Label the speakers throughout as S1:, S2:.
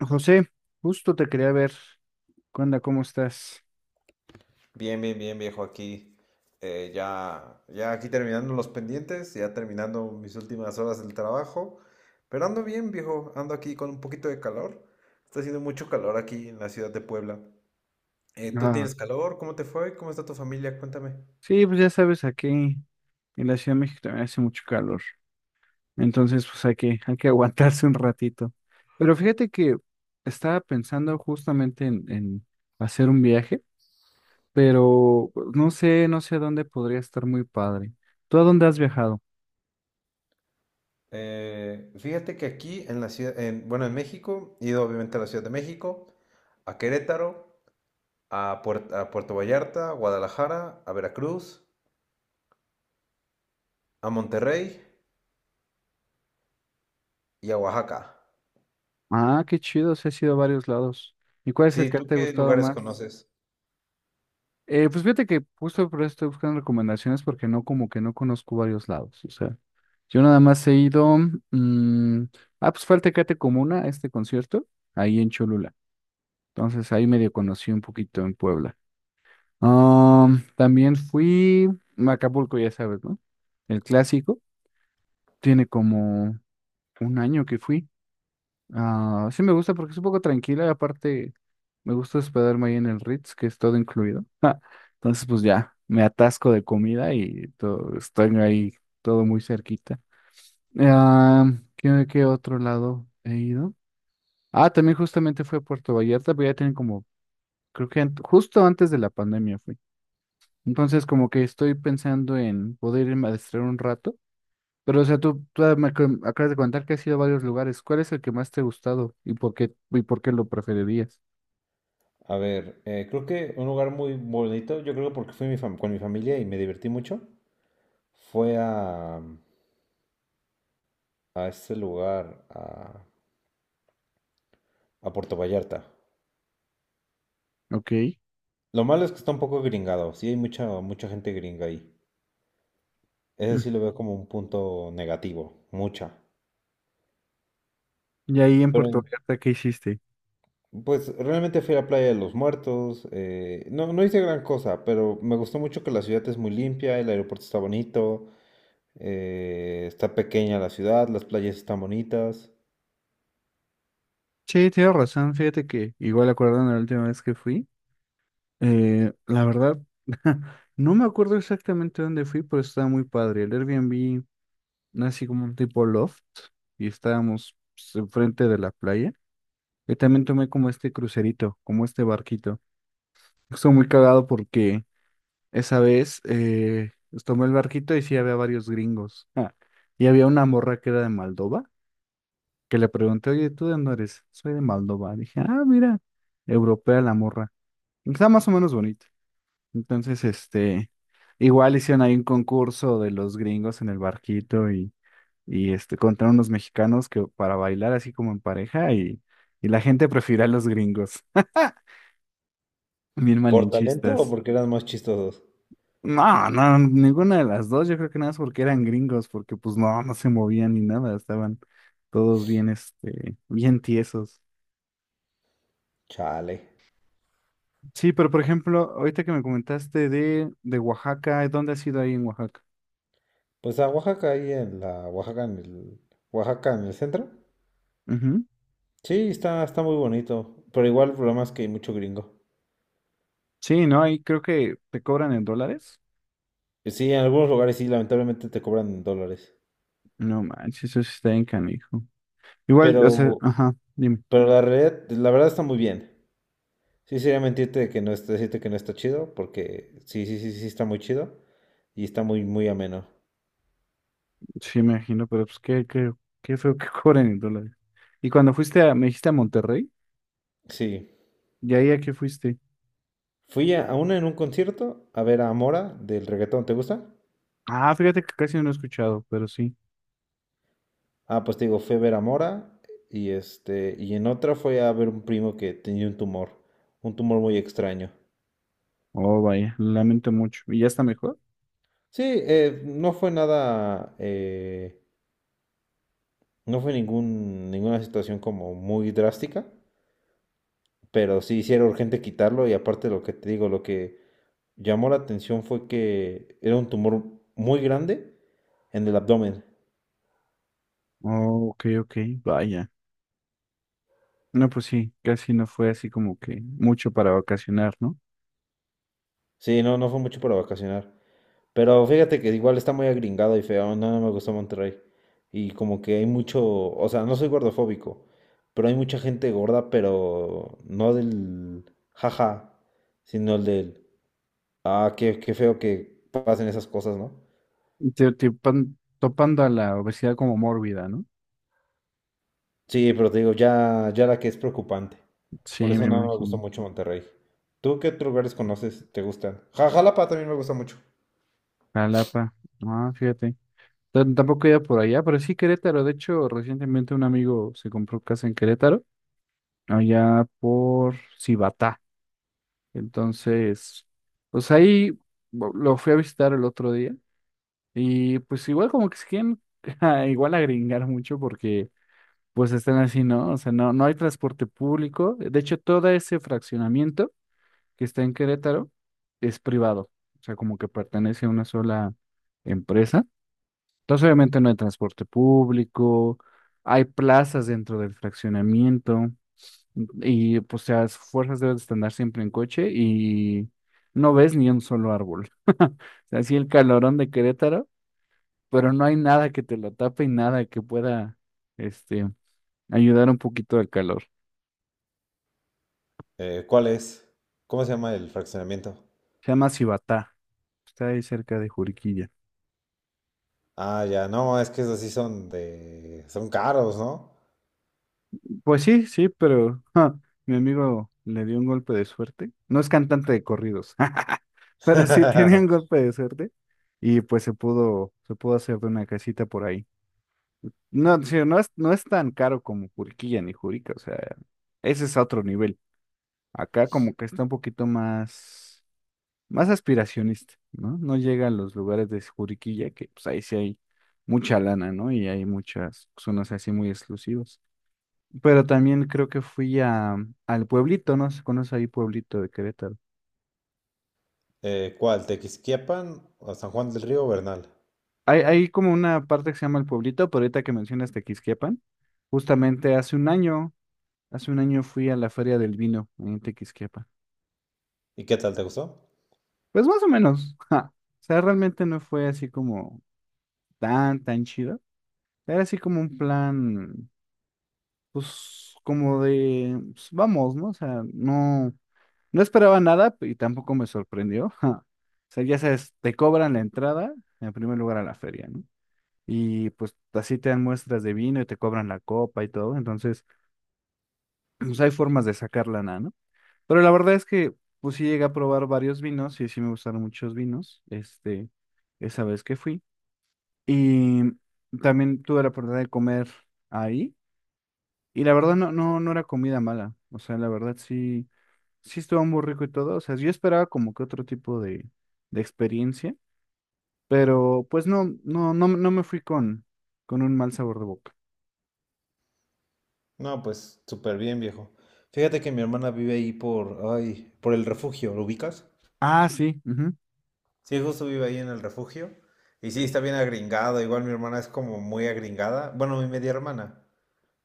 S1: José, justo te quería ver. ¿Qué onda? ¿Cómo estás?
S2: Bien, bien, bien, viejo, aquí ya aquí terminando los pendientes, ya terminando mis últimas horas del trabajo, pero ando bien, viejo, ando aquí con un poquito de calor, está haciendo mucho calor aquí en la ciudad de Puebla. ¿Tú
S1: Ah,
S2: tienes calor? ¿Cómo te fue? ¿Cómo está tu familia? Cuéntame.
S1: sí, pues ya sabes, aquí en la Ciudad de México también hace mucho calor. Entonces, pues hay que aguantarse un ratito. Pero fíjate que estaba pensando justamente en hacer un viaje, pero no sé a dónde podría estar muy padre. ¿Tú a dónde has viajado?
S2: Fíjate que aquí en la ciudad, en, bueno, en México, he ido obviamente a la Ciudad de México, a Querétaro, a, a Puerto Vallarta, a Guadalajara, a Veracruz, a Monterrey y a Oaxaca.
S1: Ah, qué chido, sí has ido a varios lados. ¿Y cuál es el
S2: Sí,
S1: que
S2: ¿tú
S1: te ha
S2: qué
S1: gustado
S2: lugares
S1: más?
S2: conoces?
S1: Pues fíjate que justo por eso estoy buscando recomendaciones porque no, como que no conozco varios lados. O sea, yo nada más he ido. mm, ah, pues fue al Tecate Comuna, a este concierto, ahí en Cholula. Entonces ahí medio conocí un poquito en Puebla. Ah, también fui a Acapulco, ya sabes, ¿no? El clásico. Tiene como un año que fui. Ah, sí me gusta porque es un poco tranquila y aparte me gusta hospedarme ahí en el Ritz, que es todo incluido. Ja. Entonces, pues ya, me atasco de comida y todo, estoy ahí todo muy cerquita. Ah, ¿qué otro lado he ido? Ah, también justamente fue a Puerto Vallarta, pero ya tienen como, creo que justo antes de la pandemia fui. Entonces, como que estoy pensando en poder irme a distraer un rato. Pero, o sea, tú me acabas de contar que has ido a varios lugares. ¿Cuál es el que más te ha gustado y por qué lo preferirías?
S2: A ver, creo que un lugar muy bonito, yo creo porque fui con mi familia y me divertí mucho, fue a este lugar, a Puerto Vallarta.
S1: Ok.
S2: Lo malo es que está un poco gringado, sí hay mucha, mucha gente gringa ahí. Ese
S1: Mm.
S2: sí lo veo como un punto negativo, mucha.
S1: Y ahí en
S2: Pero
S1: Puerto
S2: en-
S1: Vallarta, ¿qué hiciste?
S2: pues realmente fui a la Playa de los Muertos, no hice gran cosa, pero me gustó mucho que la ciudad es muy limpia, el aeropuerto está bonito, está pequeña la ciudad, las playas están bonitas.
S1: Sí, tienes razón. Fíjate que igual acordando la última vez que fui, la verdad, no me acuerdo exactamente dónde fui, pero estaba muy padre. El Airbnb, no, así como un tipo loft, y estábamos pues, enfrente de la playa. Y también tomé como este crucerito, como este barquito. Estuvo muy cagado porque esa vez, pues, tomé el barquito y sí había varios gringos. Ah, y había una morra que era de Moldova, que le pregunté, oye, ¿tú de dónde eres? Soy de Moldova. Dije, ah, mira, europea la morra. Está más o menos bonita. Entonces, igual hicieron ahí un concurso de los gringos en el barquito y, contra unos mexicanos que para bailar así como en pareja y la gente prefirió a los gringos. Bien
S2: ¿Por talento o
S1: malinchistas.
S2: porque eran más chistosos?
S1: No, no, ninguna de las dos. Yo creo que nada más porque eran gringos, porque pues no, no se movían ni nada. Estaban todos bien, bien tiesos.
S2: Chale.
S1: Sí, pero por ejemplo, ahorita que me comentaste de Oaxaca, ¿dónde has ido ahí en Oaxaca?
S2: Pues a Oaxaca, ahí en la Oaxaca, en el centro.
S1: Ujú.
S2: Sí, está muy bonito. Pero igual el problema es que hay mucho gringo.
S1: Sí, no, ahí creo que te cobran en dólares.
S2: Y sí, en algunos lugares sí, lamentablemente te cobran en dólares.
S1: No manches, eso sí está bien canijo. Igual, o sea,
S2: Pero,
S1: ajá, dime.
S2: pero la realidad, la verdad está muy bien. Sí, sería mentirte de que no está, decirte que no está chido, porque sí, sí, sí, sí está muy chido. Y está muy, muy ameno.
S1: Sí, me imagino, pero pues qué feo que cobran en dólares. Y cuando fuiste a, me dijiste a Monterrey,
S2: Sí.
S1: ¿y ahí a qué fuiste?
S2: Fui a una en un concierto a ver a Mora del reggaetón, ¿te gusta?
S1: Ah, fíjate que casi no he escuchado, pero sí.
S2: Ah, pues te digo, fui a ver a Mora y este, y en otra fue a ver un primo que tenía un tumor muy extraño.
S1: Oh, vaya, lo lamento mucho. ¿Y ya está mejor?
S2: Sí, no fue nada, no fue ningún, ninguna situación como muy drástica, pero sí, sí era urgente quitarlo y aparte lo que te digo, lo que llamó la atención fue que era un tumor muy grande en el abdomen.
S1: Oh, ok, ok, vaya. No, pues sí, casi no fue así como que mucho para vacacionar, ¿no?
S2: Sí, no, no fue mucho para vacacionar. Pero fíjate que igual está muy agringado y feo, no, no me gustó Monterrey. Y como que hay mucho, o sea, no soy gordofóbico, pero hay mucha gente gorda, pero no del jaja, sino el del, ah, qué, qué feo que pasen esas cosas, ¿no?
S1: Y topando a la obesidad como mórbida, ¿no?
S2: Sí, pero te digo, ya la que es preocupante. Por
S1: Sí, me
S2: eso no me gustó
S1: imagino.
S2: mucho Monterrey. ¿Tú qué otros lugares conoces? ¿Te gustan? Jalapa también me gusta mucho.
S1: Jalapa, ah, fíjate. Tampoco he ido por allá, pero sí Querétaro. De hecho, recientemente un amigo se compró casa en Querétaro, allá por Cibatá. Entonces, pues ahí lo fui a visitar el otro día. Y pues igual como que se quieren igual agringar mucho porque pues están así, ¿no? O sea, no, no hay transporte público. De hecho, todo ese fraccionamiento que está en Querétaro es privado. O sea, como que pertenece a una sola empresa. Entonces, obviamente no hay transporte público, hay plazas dentro del fraccionamiento y pues las fuerzas deben de andar siempre en coche y no ves ni un solo árbol. O sea, así el calorón de Querétaro, pero no hay nada que te lo tape y nada que pueda, este, ayudar un poquito al calor.
S2: ¿Cuál es? ¿Cómo se llama el fraccionamiento?
S1: Se llama Cibatá. Está ahí cerca de Juriquilla.
S2: Ah, ya, no, es que esos sí son de, son caros, ¿no?
S1: Pues sí, sí, pero ja, mi amigo le dio un golpe de suerte. No es cantante de corridos, pero sí tenía un golpe de suerte y pues se pudo hacer de una casita por ahí. No, sí, no es tan caro como Juriquilla ni Jurica, o sea, ese es a otro nivel. Acá como que está un poquito más, más aspiracionista, ¿no? No llega a los lugares de Juriquilla, que pues ahí sí hay mucha lana, ¿no? Y hay muchas zonas así muy exclusivas. Pero también creo que fui a, al pueblito, ¿no? ¿Se conoce ahí pueblito de Querétaro?
S2: ¿Cuál? ¿Tequisquiapan o San Juan del Río o Bernal?
S1: Hay como una parte que se llama el pueblito, pero ahorita que mencionas Tequisquiapan, justamente hace un año fui a la Feria del Vino en Tequisquiapan.
S2: ¿Y qué tal te gustó?
S1: Pues más o menos, ja. O sea, realmente no fue así como tan chido. Era así como un plan pues como de, pues, vamos, ¿no? O sea, no, no esperaba nada y tampoco me sorprendió. ja. O sea, ya sabes, te cobran la entrada en primer lugar a la feria, ¿no? Y pues así te dan muestras de vino y te cobran la copa y todo. Entonces, pues hay formas de sacar lana, ¿no? Pero la verdad es que, pues sí llegué a probar varios vinos y sí me gustaron muchos vinos, esa vez que fui. Y también tuve la oportunidad de comer ahí. Y la verdad no era comida mala. O sea, la verdad sí, sí estuvo muy rico y todo. O sea, yo esperaba como que otro tipo de experiencia, pero pues no me fui con un mal sabor de boca.
S2: No, pues súper bien, viejo. Fíjate que mi hermana vive ahí por, ay, por el refugio, ¿lo ubicas?
S1: Ah, sí. Ujú.
S2: Sí, justo vive ahí en el refugio. Y sí, está bien agringada. Igual mi hermana es como muy agringada. Bueno, mi media hermana.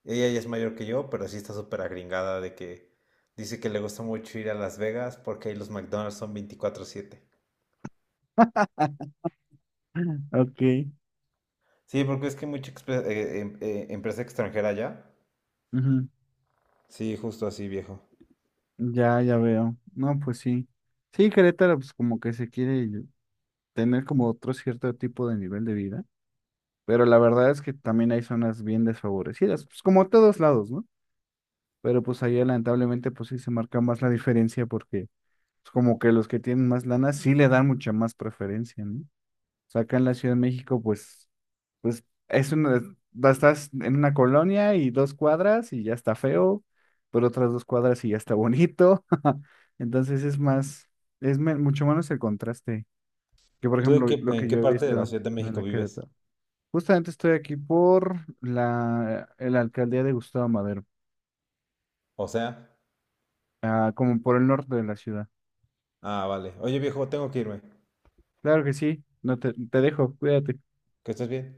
S2: Ella ya es mayor que yo, pero sí está súper agringada de que dice que le gusta mucho ir a Las Vegas porque ahí los McDonald's son 24/7.
S1: Ok.
S2: Sí, porque es que hay mucha empresa extranjera allá.
S1: Ujú.
S2: Sí, justo así, viejo.
S1: Ya veo. No, pues sí. Sí, Querétaro, pues como que se quiere tener como otro cierto tipo de nivel de vida. Pero la verdad es que también hay zonas bien desfavorecidas, pues como a todos lados, ¿no? Pero pues allá lamentablemente pues sí se marca más la diferencia porque es como que los que tienen más lana sí le dan mucha más preferencia, ¿no? O sea, acá en la Ciudad de México, pues, pues es una, estás en una colonia y dos cuadras y ya está feo, pero otras dos cuadras y ya está bonito. Entonces es más, es mucho menos el contraste que, por ejemplo, lo
S2: ¿En
S1: que
S2: qué
S1: yo he
S2: parte de la
S1: visto
S2: Ciudad de
S1: en
S2: México
S1: la
S2: vives?
S1: Querétaro. Justamente estoy aquí por la alcaldía de Gustavo Madero,
S2: O sea,
S1: ah, como por el norte de la ciudad.
S2: ah, vale. Oye, viejo, tengo que irme.
S1: Claro que sí, no te, te dejo, cuídate.
S2: Que estés bien.